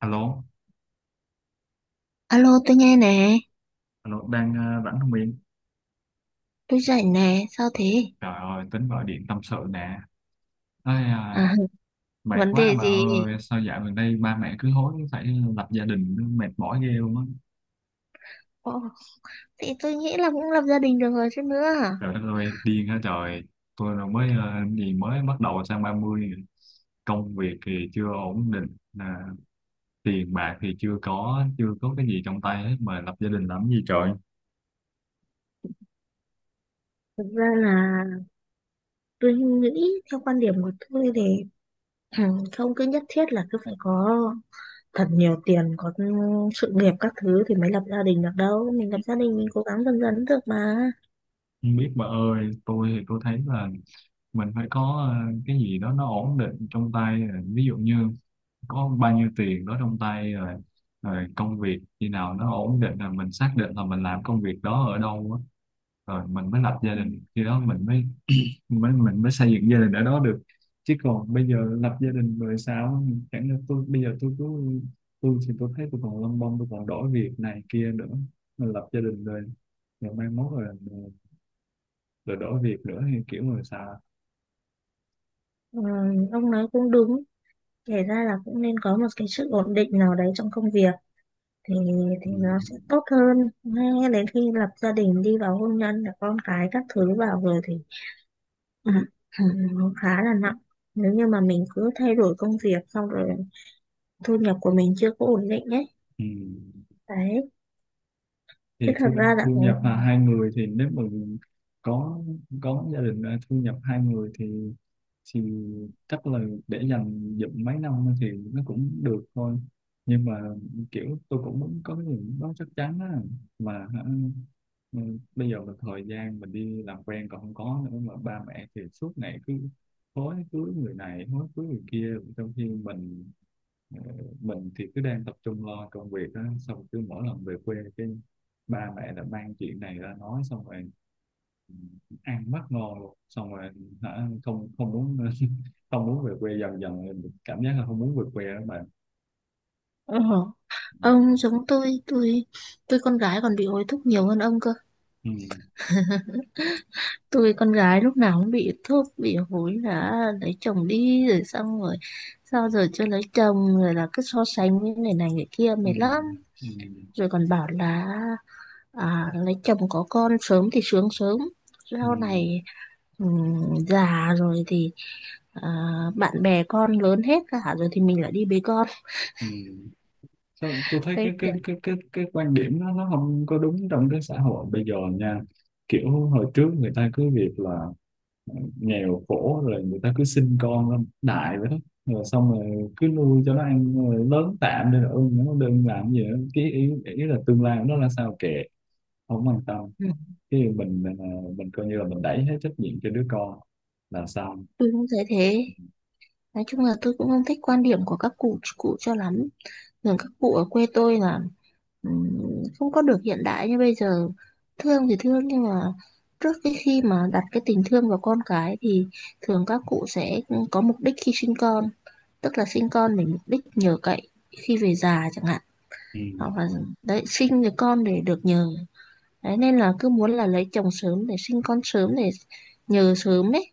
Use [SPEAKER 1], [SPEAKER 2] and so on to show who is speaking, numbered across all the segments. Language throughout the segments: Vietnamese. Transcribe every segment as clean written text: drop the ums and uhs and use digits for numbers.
[SPEAKER 1] Alo,
[SPEAKER 2] Alo, tôi nghe nè,
[SPEAKER 1] alo, đang rảnh không Yên?
[SPEAKER 2] tôi rảnh nè, sao thế?
[SPEAKER 1] Trời ơi, tính gọi điện tâm sự nè. Ây,
[SPEAKER 2] À,
[SPEAKER 1] à, mệt
[SPEAKER 2] vấn
[SPEAKER 1] quá
[SPEAKER 2] đề
[SPEAKER 1] bà
[SPEAKER 2] gì?
[SPEAKER 1] ơi, sao dạo gần đây ba mẹ cứ hối phải lập gia đình, mệt mỏi ghê luôn á.
[SPEAKER 2] Ồ, thì tôi nghĩ là cũng lập gia đình được rồi chứ nữa.
[SPEAKER 1] Trời đất ơi, điên hả trời. Tôi là mới ờ, gì mới bắt đầu sang 30. Công việc thì chưa ổn định, à, tiền bạc thì chưa có, chưa có cái gì trong tay hết mà lập gia đình làm gì trời.
[SPEAKER 2] Thực ra là tôi nghĩ theo quan điểm của tôi thì ừ, không cứ nhất thiết là cứ phải có thật nhiều tiền, có sự nghiệp các thứ thì mới lập gia đình được đâu. Mình lập gia đình mình cố gắng dần dần cũng được mà.
[SPEAKER 1] Không biết bà ơi, tôi thì tôi thấy là mình phải có cái gì đó nó ổn định trong tay, à, ví dụ như có bao nhiêu tiền đó trong tay rồi rồi công việc khi nào nó ổn định là mình xác định là mình làm công việc đó ở đâu á, rồi mình mới lập gia
[SPEAKER 2] Ừ.
[SPEAKER 1] đình. Khi đó mình mới mới mình mới xây dựng gia đình ở đó được, chứ còn bây giờ lập gia đình rồi sao? Chẳng lẽ tôi bây giờ tôi cứ, tôi thì tôi thấy tôi còn lông bông, tôi còn đổi việc này kia nữa, mình lập gia đình rồi rồi mai mốt rồi rồi đổi việc nữa hay kiểu, người sao?
[SPEAKER 2] Ừ, ông nói cũng đúng, kể ra là cũng nên có một cái sự ổn định nào đấy trong công việc, thì thì
[SPEAKER 1] Ừ.
[SPEAKER 2] nó sẽ tốt hơn. Ngay đến khi lập gia đình đi vào hôn nhân là con cái các thứ vào rồi thì ừ, ừ, nó khá là nặng nếu như mà mình cứ thay đổi công việc xong rồi thu nhập của mình chưa có ổn định ấy
[SPEAKER 1] Ừ.
[SPEAKER 2] đấy. Chứ
[SPEAKER 1] Thì
[SPEAKER 2] thật
[SPEAKER 1] thu
[SPEAKER 2] ra là
[SPEAKER 1] thu nhập là hai người thì nếu mà có gia đình, à, thu nhập hai người thì chắc là để dành dụm mấy năm thì nó cũng được thôi, nhưng mà kiểu tôi cũng muốn có cái gì đó chắc chắn á, mà ừ, bây giờ là thời gian mình đi làm quen còn không có nữa, mà ba mẹ thì suốt ngày cứ hối cưới người này hối cưới người kia, trong khi Ờ, mình thì cứ đang tập trung lo công việc á. Xong cứ mỗi lần về quê cái ba mẹ đã mang chuyện này ra nói, xong rồi ừ, ăn mất ngon luôn. Xong rồi không không muốn không muốn về quê, dần dần mình cảm giác là không muốn về quê đó bạn.
[SPEAKER 2] ờ,
[SPEAKER 1] Ừ.
[SPEAKER 2] ông giống tôi. Tôi con gái còn bị hối thúc nhiều hơn ông cơ.
[SPEAKER 1] Ừ.
[SPEAKER 2] Tôi con gái lúc nào cũng bị thúc bị hối là lấy chồng đi, rồi xong rồi sao giờ chưa lấy chồng, rồi là cứ so sánh với người này người kia
[SPEAKER 1] Ừ.
[SPEAKER 2] mệt lắm.
[SPEAKER 1] Ừ.
[SPEAKER 2] Rồi còn bảo là lấy chồng có con sớm thì sướng sớm
[SPEAKER 1] Ừ.
[SPEAKER 2] sau này, già rồi thì à, bạn bè con lớn hết cả rồi thì mình lại đi bế con.
[SPEAKER 1] Ừ. Sao tôi thấy cái
[SPEAKER 2] Đấy
[SPEAKER 1] cái
[SPEAKER 2] kiểu
[SPEAKER 1] cái cái cái quan điểm đó nó không có đúng trong cái xã hội bây giờ nha. Kiểu hồi trước người ta cứ việc là nghèo khổ, rồi người ta cứ sinh con ra đại vậy đó, rồi xong rồi cứ nuôi cho nó ăn rồi lớn tạm đi rồi ưng nó đừng làm gì nữa, cái ý là tương lai của nó là sao kệ, không quan tâm.
[SPEAKER 2] ừ,
[SPEAKER 1] Cái mình coi như là mình đẩy hết trách nhiệm cho đứa con là xong.
[SPEAKER 2] tôi cũng thấy thế. Nói chung là tôi cũng không thích quan điểm của các cụ cụ cho lắm. Thường các cụ ở quê tôi là không có được hiện đại như bây giờ. Thương thì thương nhưng mà trước cái khi mà đặt cái tình thương vào con cái thì thường các cụ sẽ có mục đích khi sinh con, tức là sinh con để mục đích nhờ cậy khi về già chẳng hạn.
[SPEAKER 1] Ừ.
[SPEAKER 2] Hoặc là đấy, sinh được con để được nhờ. Đấy, nên là cứ muốn là lấy chồng sớm để sinh con sớm để nhờ sớm đấy,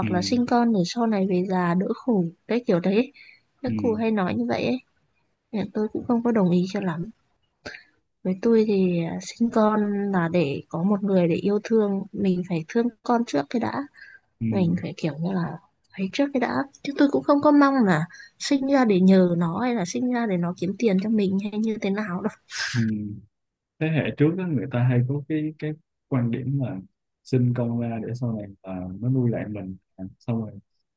[SPEAKER 1] Ừ.
[SPEAKER 2] là sinh con để sau này về già đỡ khổ, đấy kiểu đấy,
[SPEAKER 1] Ừ.
[SPEAKER 2] các cụ hay nói như vậy ấy. Nên tôi cũng không có đồng ý cho lắm. Với tôi thì sinh con là để có một người để yêu thương, mình phải thương con trước cái đã.
[SPEAKER 1] Ừ.
[SPEAKER 2] Mình phải kiểu như là ấy trước cái đã, chứ tôi cũng không có mong là sinh ra để nhờ nó, hay là sinh ra để nó kiếm tiền cho mình hay như thế nào đâu.
[SPEAKER 1] Ừ. Thế hệ trước đó, người ta hay có cái quan điểm là sinh con ra để sau này, à, nó nuôi lại mình, à, xong rồi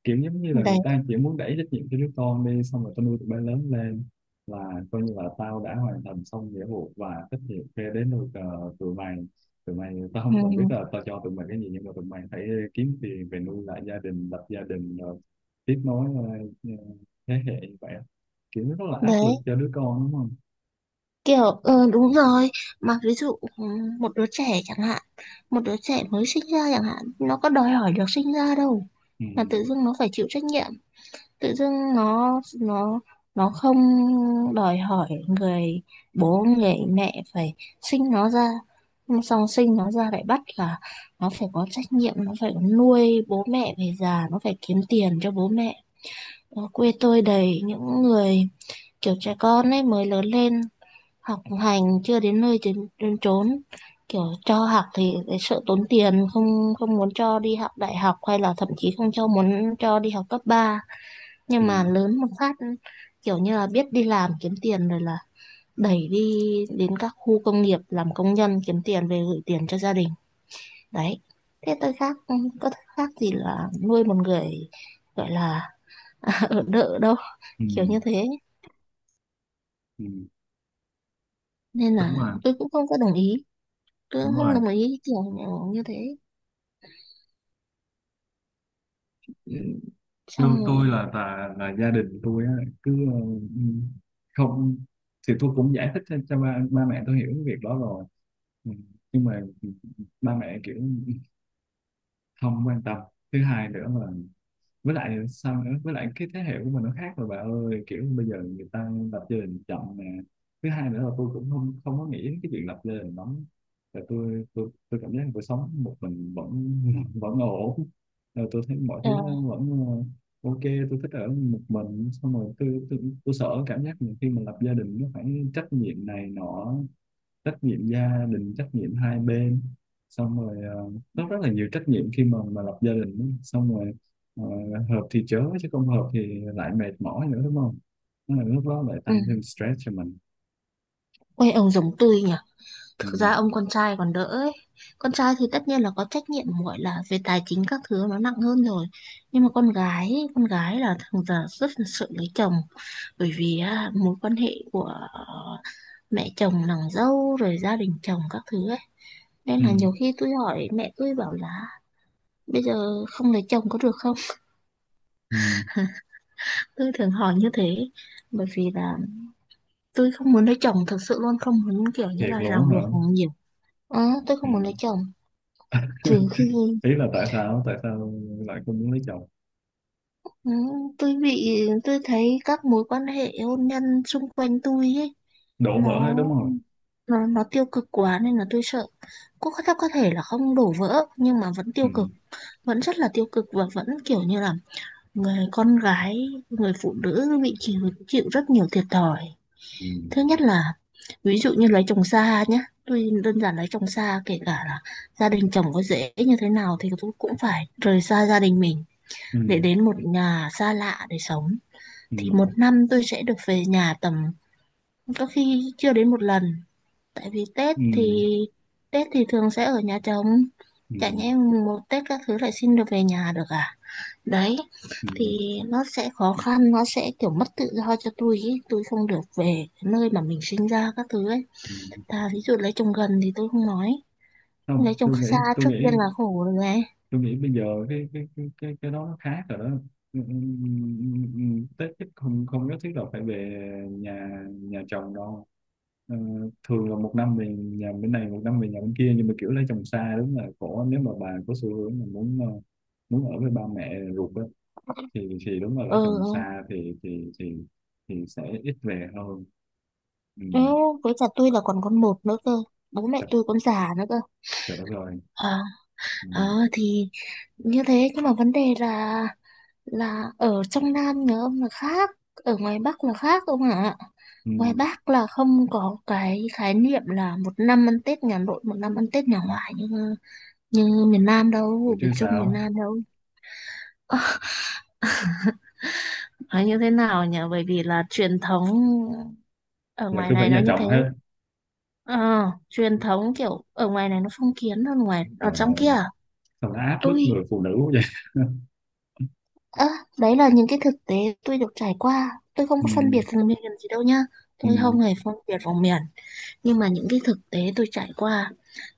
[SPEAKER 1] kiểu giống như là người
[SPEAKER 2] Đấy.
[SPEAKER 1] ta chỉ muốn đẩy trách nhiệm cho đứa con đi, xong rồi tao nuôi tụi bay lớn lên là coi như là tao đã hoàn thành xong nghĩa vụ và trách nhiệm, kia đến nuôi tụi mày tao
[SPEAKER 2] Ừ.
[SPEAKER 1] không cần biết là tao cho tụi mày cái gì, nhưng mà tụi mày phải kiếm tiền về nuôi lại gia đình, lập gia đình rồi tiếp nối ờ, thế hệ như vậy, kiểu nó rất là áp lực
[SPEAKER 2] Đấy
[SPEAKER 1] cho đứa con đúng không?
[SPEAKER 2] kiểu ừ, đúng rồi. Mà ví dụ ừ, một đứa trẻ chẳng hạn, một đứa trẻ mới sinh ra chẳng hạn, nó có đòi hỏi được sinh ra đâu,
[SPEAKER 1] Ừ,
[SPEAKER 2] mà tự dưng nó phải chịu trách nhiệm. Tự dưng nó không đòi hỏi người bố người mẹ phải sinh nó ra. Nhưng xong sinh nó ra lại bắt là nó phải có trách nhiệm, nó phải nuôi bố mẹ về già, nó phải kiếm tiền cho bố mẹ. Ở quê tôi đầy những người kiểu trẻ con ấy mới lớn lên, học hành chưa đến nơi đến chốn, kiểu cho học thì lại sợ tốn tiền, không không muốn cho đi học đại học, hay là thậm chí không cho, muốn cho đi học cấp ba.
[SPEAKER 1] ừ,
[SPEAKER 2] Nhưng mà lớn một phát kiểu như là biết đi làm kiếm tiền rồi là đẩy đi đến các khu công nghiệp làm công nhân kiếm tiền về gửi tiền cho gia đình. Đấy, thế tôi khác có khác gì là nuôi một người gọi là ở đợ đâu,
[SPEAKER 1] ừ.
[SPEAKER 2] kiểu như thế.
[SPEAKER 1] Ừ.
[SPEAKER 2] Nên
[SPEAKER 1] Đúng
[SPEAKER 2] là
[SPEAKER 1] rồi.
[SPEAKER 2] tôi cũng không có đồng ý, tôi cũng
[SPEAKER 1] Đúng rồi.
[SPEAKER 2] không đồng ý kiểu như thế. Ừ,
[SPEAKER 1] tôi
[SPEAKER 2] xong
[SPEAKER 1] tôi
[SPEAKER 2] rồi,
[SPEAKER 1] là gia đình tôi á, cứ không, thì tôi cũng giải thích cho ba mẹ tôi hiểu cái việc đó rồi. Ừ, nhưng mà ba mẹ kiểu không quan tâm. Thứ hai nữa, với lại sao nữa, với lại cái thế hệ của mình nó khác rồi bà ơi, kiểu bây giờ người ta lập gia đình chậm nè. Thứ hai nữa là tôi cũng không không có nghĩ đến cái chuyện lập gia đình lắm, là tôi cảm giác cuộc sống một mình vẫn vẫn ổn, rồi tôi thấy mọi thứ
[SPEAKER 2] ờ,
[SPEAKER 1] nó vẫn ok. Tôi thích ở một mình, xong rồi tôi sợ cảm giác mình khi mà lập gia đình nó phải trách nhiệm này nọ, trách nhiệm gia đình, trách nhiệm hai bên, xong rồi rất rất là nhiều trách nhiệm khi mà lập gia đình đó. Xong rồi ờ, hợp thì chớ, chứ không hợp thì lại mệt mỏi nữa đúng không? Nó là lúc đó lại
[SPEAKER 2] ừ.
[SPEAKER 1] tăng thêm stress cho mình.
[SPEAKER 2] Quê ông giống tôi nhỉ.
[SPEAKER 1] Ừ.
[SPEAKER 2] Thực ra ông con trai còn đỡ ấy. Con trai thì tất nhiên là có trách nhiệm, gọi là về tài chính các thứ nó nặng hơn rồi. Nhưng mà con gái, ấy, con gái là thường giờ rất là sợ lấy chồng, bởi vì á, mối quan hệ của ờ, mẹ chồng nàng dâu rồi gia đình chồng các thứ ấy. Nên
[SPEAKER 1] Ừ.
[SPEAKER 2] là nhiều khi tôi hỏi mẹ, tôi bảo là bây giờ không lấy chồng có được không?
[SPEAKER 1] Ừ.
[SPEAKER 2] Tôi thường hỏi như thế, bởi vì là tôi không muốn lấy chồng thật sự, luôn không muốn kiểu như
[SPEAKER 1] Thiệt
[SPEAKER 2] là ràng
[SPEAKER 1] luôn á hả?
[SPEAKER 2] buộc nhiều. Ờ, tôi
[SPEAKER 1] Ừ.
[SPEAKER 2] không muốn lấy chồng, trừ khi.
[SPEAKER 1] Ý là tại sao, tại sao lại không muốn lấy chồng?
[SPEAKER 2] Ừ, tôi bị, tôi thấy các mối quan hệ hôn nhân xung quanh tôi ấy,
[SPEAKER 1] Đổ
[SPEAKER 2] nó
[SPEAKER 1] vỡ hết đúng không?
[SPEAKER 2] nó tiêu cực quá nên là tôi sợ. Có thể là không đổ vỡ nhưng mà vẫn
[SPEAKER 1] Ừ.
[SPEAKER 2] tiêu cực, vẫn rất là tiêu cực, và vẫn kiểu như là người con gái, người phụ nữ bị chịu chịu rất nhiều thiệt thòi.
[SPEAKER 1] Ừ.
[SPEAKER 2] Thứ nhất là ví dụ như lấy chồng xa nhá, tôi đơn giản lấy chồng xa, kể cả là gia đình chồng có dễ như thế nào thì tôi cũng phải rời xa gia đình mình
[SPEAKER 1] Ừ.
[SPEAKER 2] để đến một nhà xa lạ để sống,
[SPEAKER 1] Ừ.
[SPEAKER 2] thì một năm tôi sẽ được về nhà tầm, có khi chưa đến một lần. Tại vì
[SPEAKER 1] Ừ.
[SPEAKER 2] Tết thì thường sẽ ở nhà chồng.
[SPEAKER 1] Ừ.
[SPEAKER 2] Chả nhẽ một Tết các thứ lại xin được về nhà được à? Đấy,
[SPEAKER 1] Ừ.
[SPEAKER 2] thì nó sẽ khó khăn, nó sẽ kiểu mất tự do cho tôi ý. Tôi không được về nơi mà mình sinh ra các thứ ấy.
[SPEAKER 1] Ừ.
[SPEAKER 2] Ta ví dụ lấy chồng gần thì tôi không nói, lấy
[SPEAKER 1] Không,
[SPEAKER 2] chồng xa
[SPEAKER 1] tôi
[SPEAKER 2] trước tiên
[SPEAKER 1] nghĩ
[SPEAKER 2] là khổ rồi này.
[SPEAKER 1] tôi nghĩ bây giờ cái đó nó khác rồi đó. Ừ, ừ, ừ, Tết chắc không không nhất thiết là phải về nhà nhà chồng đâu. Ờ, thường là một năm về nhà bên này, một năm về nhà bên kia, nhưng mà kiểu lấy chồng xa đúng là khổ nếu mà bà có xu hướng mà muốn muốn ở với ba mẹ ruột á, thì đúng là lấy
[SPEAKER 2] Ờ.
[SPEAKER 1] chồng xa thì sẽ ít về hơn. Ừ.
[SPEAKER 2] Ừ, với cả tôi là còn con một nữa cơ, bố mẹ
[SPEAKER 1] Trời
[SPEAKER 2] tôi còn già nữa cơ.
[SPEAKER 1] trời đất ơi.
[SPEAKER 2] Ờ.
[SPEAKER 1] Ừ.
[SPEAKER 2] Ờ, thì như thế, nhưng mà vấn đề là ở trong Nam nữa ông là khác, ở ngoài Bắc là khác ông ạ.
[SPEAKER 1] Ừ.
[SPEAKER 2] Ngoài Bắc là không có cái khái niệm là một năm ăn Tết nhà nội, một năm ăn Tết nhà ngoại như như miền Nam đâu,
[SPEAKER 1] Ủa
[SPEAKER 2] ở miền
[SPEAKER 1] chứ
[SPEAKER 2] Trung miền
[SPEAKER 1] sao?
[SPEAKER 2] Nam đâu. Nói như thế nào nhỉ? Bởi vì là truyền thống ở
[SPEAKER 1] Là
[SPEAKER 2] ngoài
[SPEAKER 1] cứ phải
[SPEAKER 2] này nó
[SPEAKER 1] nhà
[SPEAKER 2] như thế.
[SPEAKER 1] chồng hết?
[SPEAKER 2] Ờ, truyền thống kiểu ở ngoài này nó phong kiến hơn ngoài ở
[SPEAKER 1] Trời
[SPEAKER 2] trong kia.
[SPEAKER 1] ơi,
[SPEAKER 2] À?
[SPEAKER 1] sao nó áp bức
[SPEAKER 2] Tôi
[SPEAKER 1] người phụ nữ quá vậy.
[SPEAKER 2] Ơ, đấy là những cái thực tế tôi được trải qua. Tôi không có phân biệt
[SPEAKER 1] Ừ.
[SPEAKER 2] vùng miền gì đâu nha.
[SPEAKER 1] Ừ.
[SPEAKER 2] Tôi không hề phân biệt vùng miền. Nhưng mà những cái thực tế tôi trải qua,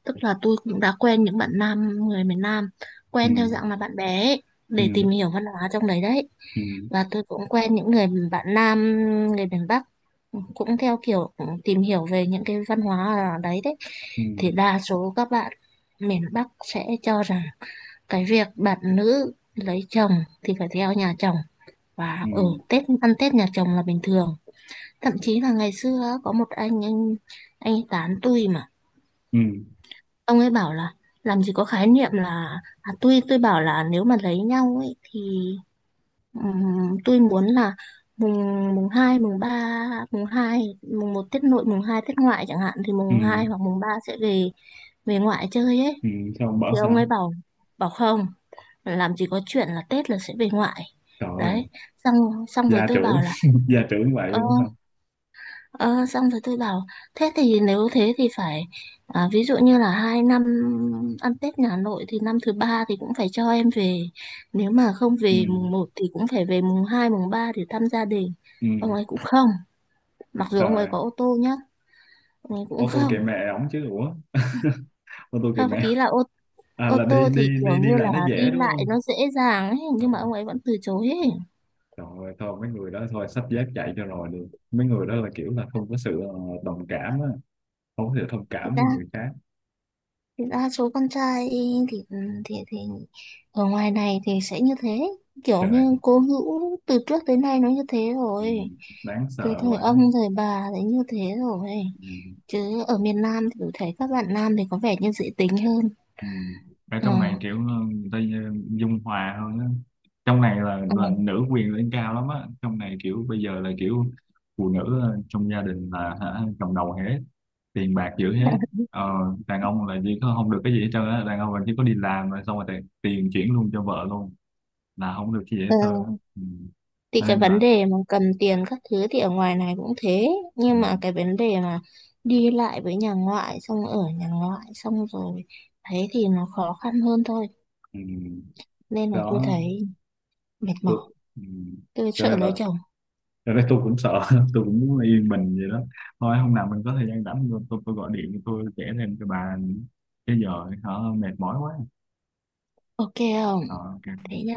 [SPEAKER 2] tức là tôi cũng đã quen những bạn nam, người miền Nam,
[SPEAKER 1] Ừ.
[SPEAKER 2] quen theo dạng là bạn bè ấy, để
[SPEAKER 1] Ừ.
[SPEAKER 2] tìm hiểu văn hóa trong đấy đấy.
[SPEAKER 1] Ừ.
[SPEAKER 2] Và tôi cũng quen những người bạn nam, người miền Bắc, cũng theo kiểu tìm hiểu về những cái văn hóa ở đấy đấy.
[SPEAKER 1] Ừ.
[SPEAKER 2] Thì đa số các bạn miền Bắc sẽ cho rằng cái việc bạn nữ lấy chồng thì phải theo nhà chồng, và
[SPEAKER 1] Ừ.
[SPEAKER 2] ở Tết ăn Tết nhà chồng là bình thường. Thậm chí là ngày xưa á, có một anh anh ấy tán tôi mà.
[SPEAKER 1] Ừ.
[SPEAKER 2] Ông ấy bảo là làm gì có khái niệm là, à, tui tôi bảo là nếu mà lấy nhau ấy thì tôi muốn là mùng mùng 2 mùng ba, mùng 2 mùng một Tết nội, mùng 2 Tết ngoại chẳng hạn, thì
[SPEAKER 1] Ừ.
[SPEAKER 2] mùng 2 hoặc mùng 3 sẽ về, về ngoại chơi ấy.
[SPEAKER 1] Ừ. Sao không bỏ
[SPEAKER 2] Thì ông
[SPEAKER 1] sao?
[SPEAKER 2] ấy bảo bảo không, làm gì có chuyện là Tết là sẽ về ngoại.
[SPEAKER 1] Trời ơi,
[SPEAKER 2] Đấy, xong xong rồi
[SPEAKER 1] gia
[SPEAKER 2] tôi
[SPEAKER 1] trưởng.
[SPEAKER 2] bảo là.
[SPEAKER 1] Gia trưởng vậy
[SPEAKER 2] Ờ.
[SPEAKER 1] luôn hả?
[SPEAKER 2] Ờ, xong rồi tôi bảo thế thì, nếu thế thì phải ví dụ như là 2 năm ăn Tết nhà nội thì năm thứ ba thì cũng phải cho em về, nếu mà không
[SPEAKER 1] Ừ.
[SPEAKER 2] về mùng một thì cũng phải về mùng 2 mùng 3 để thăm gia đình.
[SPEAKER 1] Ừ.
[SPEAKER 2] Ông ấy cũng không, mặc dù ông ấy
[SPEAKER 1] Trời.
[SPEAKER 2] có ô tô nhá, ông ấy cũng
[SPEAKER 1] Ô tô
[SPEAKER 2] không,
[SPEAKER 1] kệ mẹ ổng chứ ủa. Ô tô kệ
[SPEAKER 2] không
[SPEAKER 1] mẹ.
[SPEAKER 2] ý là ô
[SPEAKER 1] À,
[SPEAKER 2] ô
[SPEAKER 1] là đi
[SPEAKER 2] tô thì
[SPEAKER 1] đi
[SPEAKER 2] kiểu
[SPEAKER 1] đi đi
[SPEAKER 2] như là
[SPEAKER 1] lại nó
[SPEAKER 2] đi
[SPEAKER 1] dễ đúng
[SPEAKER 2] lại
[SPEAKER 1] không?
[SPEAKER 2] nó dễ dàng ấy,
[SPEAKER 1] Ờ,
[SPEAKER 2] nhưng
[SPEAKER 1] ờ.
[SPEAKER 2] mà ông ấy vẫn từ chối ấy.
[SPEAKER 1] Trời ơi, thôi mấy người đó thôi xách dép chạy cho rồi đi. Mấy người đó là kiểu là không có sự đồng cảm á, không có sự thông
[SPEAKER 2] Thì
[SPEAKER 1] cảm
[SPEAKER 2] ra
[SPEAKER 1] với người khác.
[SPEAKER 2] thì đa số con trai thì thì ở ngoài này thì sẽ như thế, kiểu
[SPEAKER 1] Trời.
[SPEAKER 2] như cố hữu từ trước tới nay nó như thế
[SPEAKER 1] Ừ,
[SPEAKER 2] rồi,
[SPEAKER 1] đáng
[SPEAKER 2] từ
[SPEAKER 1] sợ
[SPEAKER 2] thời
[SPEAKER 1] quá.
[SPEAKER 2] ông thời bà thì như thế rồi.
[SPEAKER 1] Ừ.
[SPEAKER 2] Chứ ở miền Nam thì tôi thấy các bạn nam thì có vẻ như dễ tính hơn.
[SPEAKER 1] Ừ. Ở
[SPEAKER 2] Ờ,
[SPEAKER 1] trong này kiểu người ta dung hòa hơn á. Trong này là
[SPEAKER 2] ờ,
[SPEAKER 1] là nữ quyền lên cao lắm á. Trong này kiểu bây giờ là kiểu phụ nữ trong gia đình là cầm đầu hết, tiền bạc giữ hết. Ờ, đàn ông là chỉ có không được cái gì hết trơn á. Đàn ông là chỉ có đi làm rồi xong rồi tiền chuyển luôn cho vợ luôn, là không được cái gì hết
[SPEAKER 2] ờ.
[SPEAKER 1] trơn á. Ừ.
[SPEAKER 2] Thì
[SPEAKER 1] Cho
[SPEAKER 2] cái
[SPEAKER 1] nên
[SPEAKER 2] vấn
[SPEAKER 1] là,
[SPEAKER 2] đề mà cầm tiền các thứ thì ở ngoài này cũng thế,
[SPEAKER 1] ừ.
[SPEAKER 2] nhưng mà cái vấn đề mà đi lại với nhà ngoại, xong ở nhà ngoại xong rồi thấy thì nó khó khăn hơn thôi,
[SPEAKER 1] Ừ.
[SPEAKER 2] nên là tôi
[SPEAKER 1] Đó.
[SPEAKER 2] thấy mệt
[SPEAKER 1] Được.
[SPEAKER 2] mỏi,
[SPEAKER 1] Ừ.
[SPEAKER 2] tôi
[SPEAKER 1] Cho
[SPEAKER 2] sợ
[SPEAKER 1] nên là
[SPEAKER 2] lấy chồng.
[SPEAKER 1] rồi cái tôi cũng sợ. Tôi cũng muốn yên bình vậy đó, thôi hôm nào mình có thời gian rảnh tôi, gọi điện tôi kể thêm cho bà, chứ giờ hả, mệt mỏi quá.
[SPEAKER 2] OK, không,
[SPEAKER 1] Ờ, ok.
[SPEAKER 2] thế nhá.